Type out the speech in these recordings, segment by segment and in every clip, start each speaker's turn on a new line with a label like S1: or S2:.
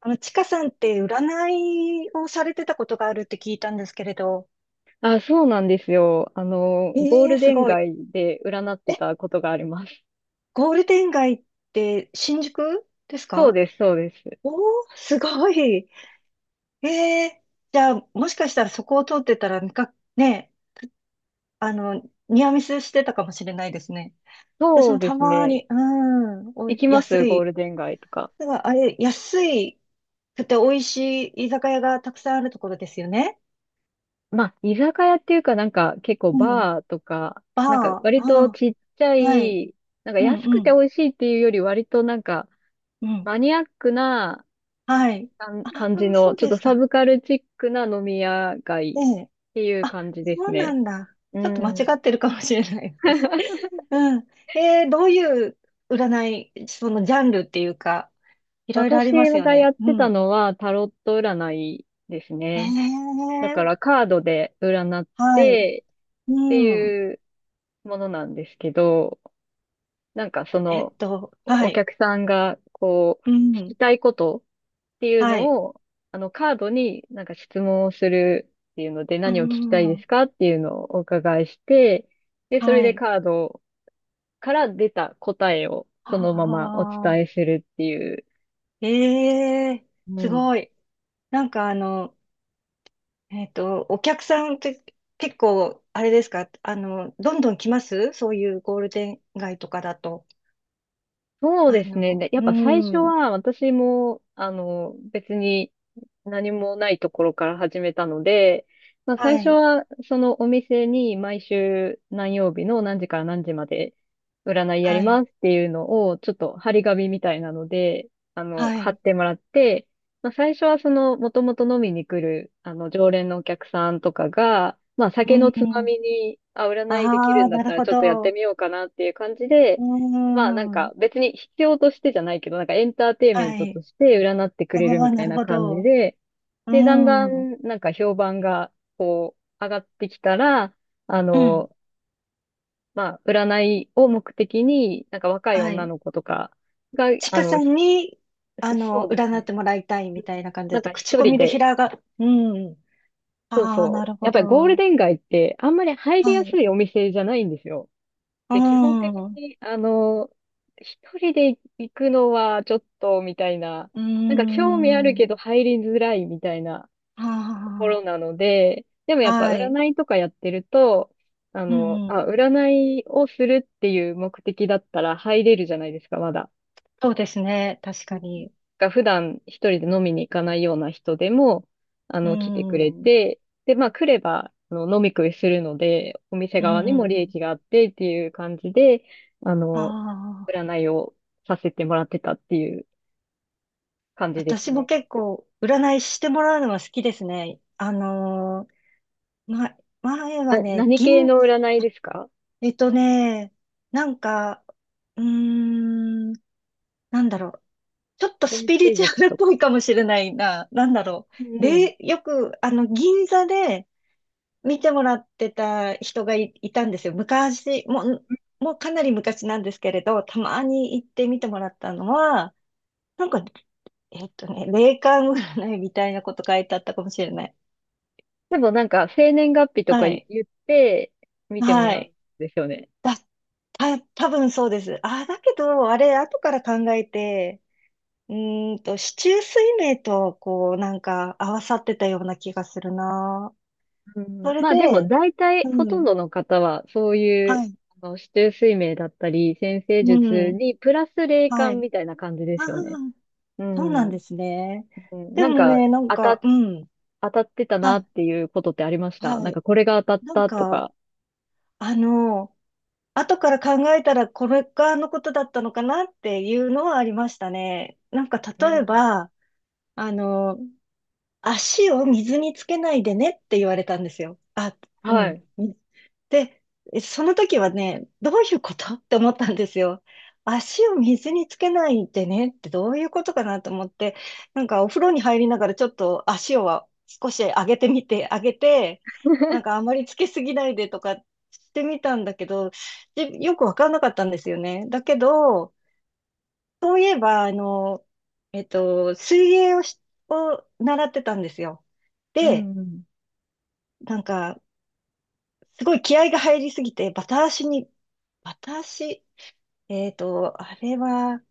S1: あの、ちかさんって占いをされてたことがあるって聞いたんですけれど。
S2: あ、そうなんですよ。ゴー
S1: ええ、
S2: ルデ
S1: す
S2: ン
S1: ごい。
S2: 街で占って
S1: え、
S2: たことがあります。
S1: ゴールデン街って新宿です
S2: そう
S1: か？
S2: です、そうです。
S1: おー、すごい。ええ、じゃあ、もしかしたらそこを通ってたら、みか、ね、あの、ニアミスしてたかもしれないですね。私
S2: そう
S1: も
S2: で
S1: た
S2: す
S1: ま
S2: ね。
S1: に、うん、お
S2: 行
S1: い、
S2: きます
S1: 安
S2: ゴー
S1: い。
S2: ルデン街とか。
S1: だからあれ、安いくて美味しい居酒屋がたくさんあるところですよね。
S2: まあ、居酒屋っていうか結構
S1: うん。
S2: バーとか、
S1: バー、
S2: なんか
S1: あ
S2: 割と
S1: あ、
S2: ちっちゃ
S1: はい。
S2: い、なんか
S1: うん、
S2: 安
S1: う
S2: くて
S1: ん、
S2: 美味しいっていうより割となんか
S1: うん。
S2: マニアックな
S1: はい。
S2: 感
S1: あ
S2: 感じ
S1: あ、そ
S2: の、
S1: う
S2: ちょっ
S1: で
S2: と
S1: し
S2: サ
S1: た。
S2: ブカルチックな飲み屋
S1: え
S2: 街
S1: え。
S2: っていう
S1: あ、
S2: 感じです
S1: そうな
S2: ね。
S1: んだ。
S2: う
S1: ちょっと間違
S2: ん。
S1: ってるかもしれない、私。うん。えー、どういう占い、そのジャンルっていうか、いろいろあ
S2: 私
S1: りますよ
S2: がや
S1: ね。
S2: っ
S1: う
S2: てた
S1: ん。
S2: のはタロット占いです
S1: え
S2: ね。だか
S1: え、
S2: らカードで占っ
S1: はい。
S2: て
S1: う
S2: って
S1: ん。
S2: いうものなんですけど、なんかその、
S1: は
S2: お
S1: い。
S2: 客さんがこう
S1: う
S2: 聞き
S1: ん。
S2: たいことっていう
S1: はい。
S2: のを、あのカードになんか質問をするっていうので、
S1: う
S2: 何を聞きたいで
S1: ん。
S2: すかっていうのをお伺いして、で、それ
S1: は
S2: で
S1: い。
S2: カードから出た答えをそのままお
S1: あ
S2: 伝え
S1: あ、
S2: するっていう。
S1: ええ、
S2: う
S1: す
S2: ん。
S1: ごい。なんかあの、お客さんって結構、あれですか、あの、どんどん来ますそういうゴールデン街とかだと。
S2: そう
S1: あ
S2: ですね。で、
S1: の、
S2: やっ
S1: う
S2: ぱ最初
S1: ん、
S2: は私も、あの、別に何もないところから始めたので、まあ最
S1: は
S2: 初
S1: い、
S2: はそのお店に、毎週何曜日の何時から何時まで占いやり
S1: はい、
S2: ますっていうのをちょっと張り紙みたいなので、あの、
S1: は
S2: 貼っ
S1: い、
S2: てもらって、まあ最初はその元々飲みに来る、あの、常連のお客さんとかが、まあ
S1: う
S2: 酒のつま
S1: ん、
S2: みに、あ、占いでき
S1: あ
S2: る
S1: あ、
S2: んだっ
S1: なる
S2: たら
S1: ほ
S2: ちょっとやって
S1: ど、
S2: みようかなっていう感じ
S1: う
S2: で、まあなんか
S1: ん、
S2: 別に必要としてじゃないけど、なんかエンターテインメン
S1: は
S2: ト
S1: い、
S2: として占ってく
S1: あ
S2: れる
S1: あ、
S2: みた
S1: な
S2: い
S1: る
S2: な
S1: ほ
S2: 感じ
S1: ど、
S2: で、
S1: う
S2: で、だんだ
S1: ん、うん、
S2: んなんか評判が上がってきたら、あの、まあ占いを目的に、なんか若い
S1: は
S2: 女
S1: い。
S2: の子とかが、
S1: ちかさんに、あ
S2: そ
S1: の、
S2: うです
S1: 占っ
S2: ね。
S1: てもらいたい
S2: う
S1: み
S2: ん。
S1: たいな感
S2: な
S1: じ
S2: ん
S1: で、
S2: か一
S1: 口コ
S2: 人
S1: ミで
S2: で、
S1: 平が、うん、
S2: そう
S1: ああ、な
S2: そう。
S1: る
S2: や
S1: ほ
S2: っぱりゴール
S1: ど、
S2: デン街ってあんまり入り
S1: は
S2: やす
S1: い、
S2: いお店じゃないんですよ。
S1: う
S2: で、基本的
S1: ん、
S2: に、あの、一人で行くのはちょっと、みたいな、
S1: うー
S2: なんか興味ある
S1: ん。
S2: けど入りづらいみたいなところ
S1: あ
S2: なので、でも
S1: あ、
S2: やっぱ
S1: はい。
S2: 占いとかやってると、
S1: う
S2: あ、
S1: ん。
S2: 占いをするっていう目的だったら入れるじゃないですか、まだ。
S1: そうですね。確
S2: う
S1: か
S2: ん。
S1: に。
S2: が普段一人で飲みに行かないような人でも、あ
S1: う
S2: の、来てくれ
S1: ん。
S2: て、で、まあ来れば、あの、飲み食いするので、お店
S1: う
S2: 側にも利
S1: ん。
S2: 益があってっていう感じで、あ
S1: あ
S2: の、
S1: あ、
S2: 占いをさせてもらってたっていう感じです
S1: 私も
S2: ね。
S1: 結構、占いしてもらうのは好きですね。あのーま、前はね、
S2: 何系
S1: 銀、
S2: の占いですか？
S1: えっとね、なんか、うーん、なんだろう。ちょっとス
S2: 先
S1: ピリ
S2: 生
S1: チュ
S2: 術
S1: アルっ
S2: と
S1: ぽ
S2: か。
S1: いかもしれないな。なんだろ
S2: う
S1: う。
S2: ん。
S1: で、よく、あの、銀座で、見てもらってた人がい、いたんですよ。昔、もう、もうかなり昔なんですけれど、たまに行って見てもらったのは、なんか、霊感占いみたいなこと書いてあったかもしれない。
S2: でもなんか、生年月日とか
S1: は
S2: 言
S1: い。
S2: って、見ても
S1: は
S2: らうん
S1: い。
S2: ですよね。
S1: だ、た、多分そうです。あ、だけど、あれ、後から考えて、うーんと、四柱推命と、こう、なんか、合わさってたような気がするな。
S2: う
S1: そ
S2: ん、
S1: れ
S2: まあでも
S1: で、
S2: 大体
S1: う
S2: ほとん
S1: ん。
S2: どの方はそうい
S1: は
S2: う、
S1: い。
S2: あの、指定睡眠だったり先生
S1: う
S2: 術
S1: ん。
S2: にプラス霊
S1: は
S2: 感
S1: い。
S2: みたいな感じで
S1: ああ、
S2: すよね。う
S1: そうな
S2: ん。
S1: ん
S2: う
S1: ですね。
S2: ん。
S1: で
S2: なん
S1: も
S2: か
S1: ね、なん
S2: 当
S1: か、
S2: た、
S1: うん。
S2: 当たってた
S1: は
S2: なっ
S1: い、
S2: ていうことってありました？
S1: は
S2: なん
S1: い。
S2: かこれが当た
S1: なん
S2: ったと
S1: か、
S2: か。
S1: あの、後から考えたらこれがあのことだったのかなっていうのはありましたね。なんか、
S2: う
S1: 例え
S2: ん。
S1: ば、あの、足を水につけないでねって言われたんですよ。あ、う
S2: は
S1: ん。
S2: い。
S1: で、その時はね、どういうことって思ったんですよ。足を水につけないでねってどういうことかなと思って、なんかお風呂に入りながらちょっと足を少し上げてみて、上げて、なんかあまりつけすぎないでとかしてみたんだけど、でよくわかんなかったんですよね。だけど、そういえば、あの、水泳をし、を習ってたんですよ。
S2: う
S1: で、
S2: んうん。
S1: なんか、すごい気合が入りすぎて、バタ足に、バタ足、あれは、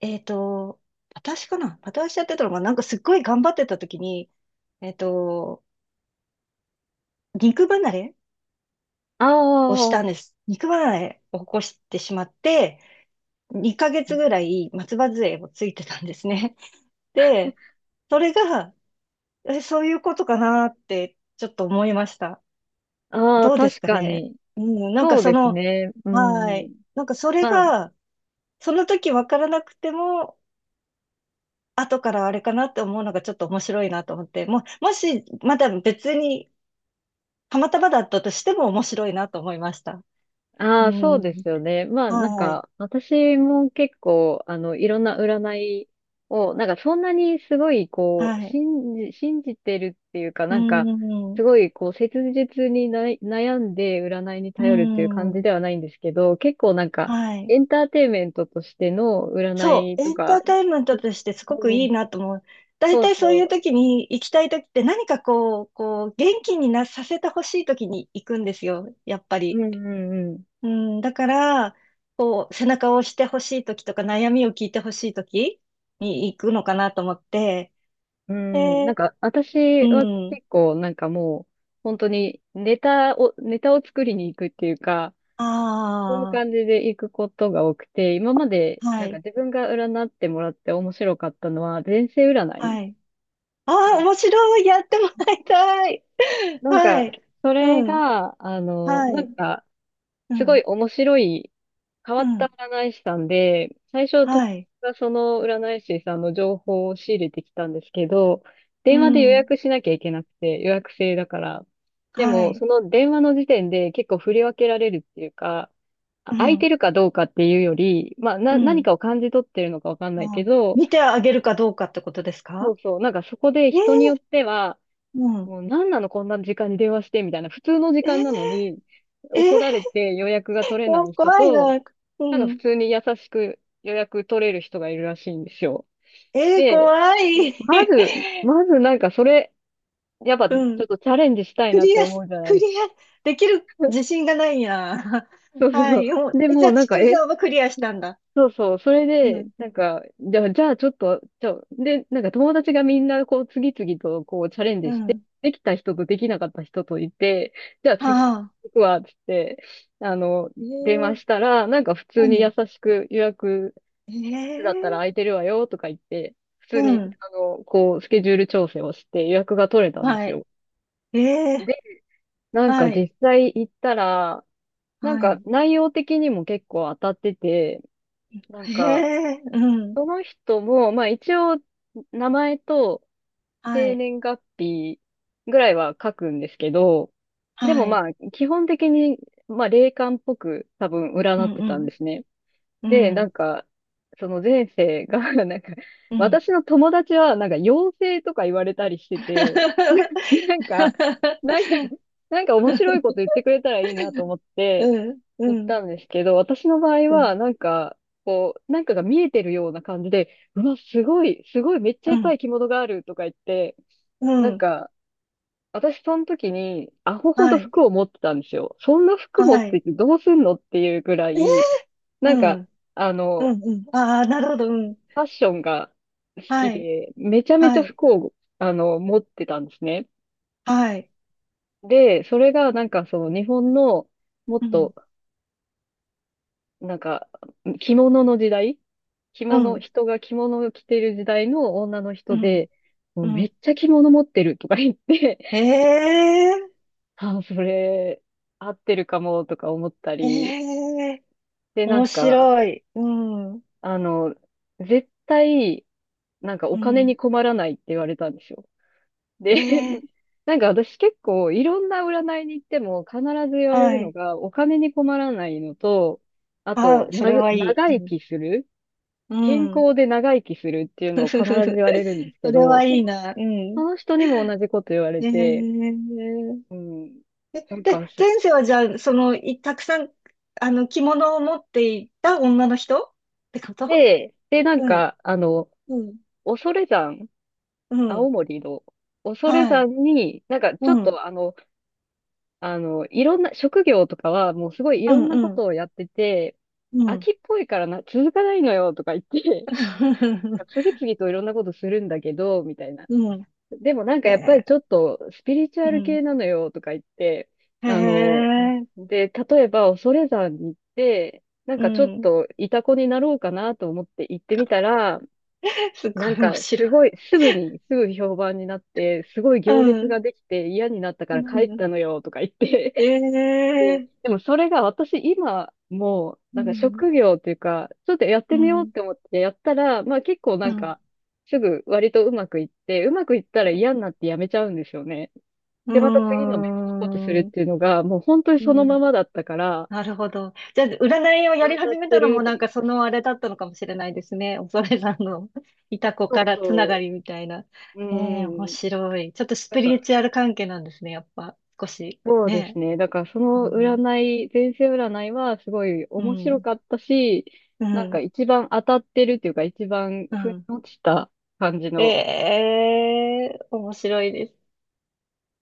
S1: えっと、バタ足かなバタ足やってたのが、なんかすっごい頑張ってた時に、えっと、肉離れ
S2: あ
S1: をした
S2: あ、
S1: んです。肉離れを起こしてしまって、2ヶ月ぐらい松葉杖をついてたんですね。で、それが、え、そういうことかなって、ちょっと思いました。
S2: ああ、
S1: どうです
S2: 確
S1: か
S2: か
S1: ね。
S2: に。
S1: うん、なんか
S2: そう
S1: そ
S2: です
S1: の、
S2: ね。う
S1: はい。
S2: ん。
S1: なんかそれ
S2: まあ、
S1: が、その時わからなくても、後からあれかなって思うのがちょっと面白いなと思って、もう、もし、まだ別に、たまたまだったとしても面白いなと思いました。
S2: あ
S1: う
S2: あ、そう
S1: ん。
S2: ですよね。まあ、なん
S1: はい。
S2: か、私も結構、あの、いろんな占いを、なんか、そんなにすごい、こう、
S1: はい。
S2: 信じてるっていうか、
S1: う
S2: なんか、
S1: ん。
S2: すごい、こう、切実にな悩んで占いに
S1: う
S2: 頼るっていう感じ
S1: ん。
S2: ではないんですけど、結構なんか、
S1: はい。
S2: エンターテインメントとしての占
S1: そ
S2: い
S1: う、
S2: と
S1: エンタ
S2: か、
S1: ーテインメントとしてすごく
S2: う
S1: いい
S2: ん、
S1: なと思う。大
S2: そう
S1: 体そういう
S2: そ
S1: 時に行きたい時って何かこう、こう、元気になさせてほしい時に行くんですよ、やっぱ
S2: う、う
S1: り。
S2: んうんうん。
S1: うん、だから、こう、背中を押してほしい時とか悩みを聞いてほしい時に行くのかなと思って。
S2: うん、なん
S1: で、
S2: か、私
S1: う
S2: は
S1: ん、
S2: 結構、なんかもう、本当にネタを作りに行くっていうか、そういう
S1: あ
S2: 感じで行くことが多くて、今まで、
S1: あ、は
S2: なんか
S1: い、
S2: 自分が占ってもらって面白かったのは、前世占い
S1: はい。あ
S2: な
S1: あ、面白い、やってもらいたい。
S2: なん
S1: は
S2: か、
S1: い、
S2: それ
S1: うん、
S2: が、あの、
S1: は
S2: な
S1: い、
S2: んか、
S1: う
S2: すご
S1: ん、
S2: い面白い、変わ
S1: う
S2: った
S1: ん、
S2: 占い師さんで、最初友達
S1: はい、
S2: がその占い師さんの情報を仕入れてきたんですけど、
S1: う
S2: 電話で予
S1: ん。
S2: 約しなきゃいけなくて、予約制だから。で
S1: は
S2: も、
S1: い。
S2: その電話の時点で結構振り分けられるっていうか、あ、
S1: う
S2: 空いて
S1: ん。
S2: るかどうかっていうより、まあ、
S1: う
S2: 何
S1: ん。
S2: かを感じ取ってるのかわかんない
S1: あ、
S2: けど、
S1: 見てあげるかどうかってことです
S2: そ
S1: か？
S2: うそう、なんかそこで
S1: えー、
S2: 人によっては、
S1: うん。
S2: もう何なのこんな時間に電話してみたいな、普通の時
S1: え
S2: 間なの
S1: ー、
S2: に、
S1: えー、
S2: 怒られて予約が取れな
S1: こ
S2: い人
S1: 怖い
S2: と、
S1: な。う
S2: なんか普
S1: ん。
S2: 通に優しく予約取れる人がいるらしいんですよ。
S1: えー、
S2: で、
S1: 怖
S2: ま
S1: い。
S2: まず、まずなんかそれ、やっぱちょ
S1: うん。
S2: っとチャレンジしたい
S1: ク
S2: なっ
S1: リ
S2: て
S1: ア
S2: 思
S1: し、
S2: うじゃな
S1: ク
S2: い
S1: リ
S2: ですか。
S1: ア、できる自信がないや。
S2: そうそ
S1: はい。
S2: う。
S1: もう
S2: で、
S1: え、じ
S2: も
S1: ゃ
S2: う
S1: あ、
S2: なん
S1: ち
S2: か、
S1: く
S2: え、
S1: さんはクリアしたんだ。
S2: そうそう。それ
S1: う
S2: で、
S1: ん。
S2: なんか、じゃあ、じゃあちょっと、ちょ、で、なんか友達がみんなこう次々とこうチャレン
S1: う
S2: ジして、
S1: ん。
S2: できた人とできなかった人といて、じゃあ
S1: は
S2: 次
S1: あ。
S2: 行くわ、つって、あの、
S1: え
S2: 電話
S1: ー、
S2: したら、なんか普通
S1: う
S2: に優
S1: ん。
S2: しく予約
S1: え
S2: だったら
S1: ー、
S2: 空いてるわよとか言って、普通
S1: う
S2: に、
S1: ん。
S2: あの、こう、スケジュール調整をして予約が取れたんで
S1: は
S2: す
S1: い。
S2: よ。
S1: えー、
S2: で、なんか
S1: はい。
S2: 実際行ったら、なん
S1: は
S2: か
S1: い。
S2: 内容的にも結構当たってて、なんか、
S1: えー、うん。
S2: その人も、まあ一応、名前と
S1: は
S2: 生
S1: い。
S2: 年月日ぐらいは書くんですけど、で
S1: は
S2: もま
S1: い。
S2: あ、基本的に、まあ霊感っぽく多分
S1: う
S2: 占っ
S1: ん
S2: て
S1: う
S2: たんで
S1: ん。
S2: すね。
S1: う
S2: で、な
S1: ん。
S2: んか、その前世が なんか、
S1: うん。
S2: 私の友達は、なんか、妖精とか言われたりしてて、なんか、なんか、なんか面白いこと言ってくれたらいいなと思っ
S1: う
S2: て、
S1: ん。
S2: 行
S1: う
S2: っ
S1: ん。
S2: たんですけど、私の場合
S1: う
S2: は、
S1: ん。
S2: なんか、こう、なんかが見えてるような感じで、うわ、すごい、すごい、めっちゃ
S1: う
S2: いっぱ
S1: ん。
S2: い着物があるとか言って、
S1: う
S2: なん
S1: ん。
S2: か、私その時に、アホほど
S1: はい。
S2: 服を持ってたんですよ。そんな服持っ
S1: は
S2: て
S1: い。
S2: てどうすんのっていうぐら
S1: え、
S2: い、な
S1: う
S2: んか、
S1: ん。
S2: あの、
S1: うん。うん。ああ、なるほど。うん。
S2: ファッションが好き
S1: はい。
S2: で、めちゃめち
S1: は
S2: ゃ
S1: い。
S2: 服を、あの、持ってたんですね。
S1: はい。
S2: で、それがなんかその日本のもっ
S1: うん。
S2: と、なんか、着物の時代着
S1: う
S2: 物、
S1: ん。
S2: 人が着物を着てる時代の女の
S1: う
S2: 人
S1: ん。
S2: で、も
S1: う
S2: うめっ
S1: ん。
S2: ちゃ着物持ってるとか言って、
S1: ええ、
S2: あ、それ、合ってるかもとか思った
S1: え
S2: り、
S1: え、
S2: で、なん
S1: 面
S2: か、
S1: 白い。うん。
S2: あの、絶対、なんか
S1: う
S2: お金に
S1: ん。
S2: 困らないって言われたんですよ。
S1: え
S2: で、
S1: え、
S2: なんか私結構いろんな占いに行っても必ず言われる
S1: は
S2: の
S1: い。
S2: がお金に困らないのと、あ
S1: あ
S2: と、
S1: あ、それはい
S2: 長
S1: い。う
S2: 生
S1: ん。
S2: きする、
S1: う
S2: 健
S1: ん。
S2: 康で長生きするってい うの
S1: ふ
S2: を必
S1: ふふ
S2: ず
S1: ふ、
S2: 言われるんですけ
S1: それ
S2: ど、
S1: はいいな。う
S2: そ
S1: ん。
S2: の人
S1: え
S2: にも同じこと言われて、
S1: ー、
S2: うん。
S1: え、
S2: なん
S1: で、
S2: かし、
S1: 前世はじゃあ、その、いたくさん、あの、着物を持っていた女の人ってこと？
S2: で、なん
S1: うん、
S2: か、あの、
S1: うん、
S2: 恐山、
S1: う
S2: 青
S1: ん、
S2: 森の恐
S1: はい、
S2: 山に、なんかちょっ
S1: うん、
S2: と、あの、あの、いろんな、職業とかはもうすごいい
S1: う
S2: ろ
S1: ん、
S2: んなこ
S1: うん、
S2: とをやってて、
S1: う
S2: 飽
S1: ん。
S2: きっぽいからな、続かないのよとか言って、次 々といろんなことするんだけど、みたいな。
S1: うん、
S2: でもなんか
S1: へ
S2: やっぱり
S1: え、
S2: ちょっとスピリチュ
S1: う
S2: アル
S1: ん、
S2: 系なのよとか言って、
S1: へ
S2: あの、
S1: え、
S2: で、例えば恐山に行って、なん
S1: う
S2: かちょっ
S1: ん。
S2: とイタコになろうかなと思って行ってみたら、
S1: すご
S2: なん
S1: い面
S2: か
S1: 白
S2: す
S1: い。
S2: ごい、すぐに、すぐ評判になって、すごい
S1: う
S2: 行列
S1: ん、
S2: ができて嫌になったか
S1: う
S2: ら帰っ
S1: ん、
S2: たのよとか言って、
S1: え
S2: ね、
S1: え、
S2: でもそれが私今もう
S1: う
S2: なんか
S1: ん、
S2: 職業っていうか、ちょっとやって
S1: う
S2: みようっ
S1: ん、
S2: て思ってやったら、まあ結構
S1: う
S2: なん
S1: ん。
S2: かすぐ割とうまくいって、うまくいったら嫌になってやめちゃうんですよね。
S1: う
S2: で、また次の
S1: ー
S2: 別のことするっ
S1: ん。
S2: ていうのがもう本当に
S1: う
S2: その
S1: ん。
S2: ままだったから、
S1: なるほど。じゃあ、占いを
S2: 当
S1: やり
S2: た
S1: 始
S2: っ
S1: め
S2: て
S1: たの
S2: る
S1: も
S2: と
S1: なん
S2: 思う。
S1: かそのあれだったのかもしれないですね。恐れさんの いた子からつなが
S2: そ
S1: りみたいな。
S2: う。う
S1: ええ、面
S2: ん。
S1: 白い。ちょっとス
S2: だ
S1: ピ
S2: か
S1: リ
S2: ら、
S1: チュアル関係なんですね、やっぱ。少し。
S2: そうです
S1: ね。
S2: ね。だからそ
S1: う
S2: の占
S1: ん。
S2: い、前世占いはすごい
S1: う
S2: 面白
S1: ん。
S2: かったし、
S1: う
S2: なんか
S1: ん。
S2: 一番当たってるっていうか一番
S1: う
S2: 腑に
S1: ん。
S2: 落ちた感じの
S1: ええ、面白いです。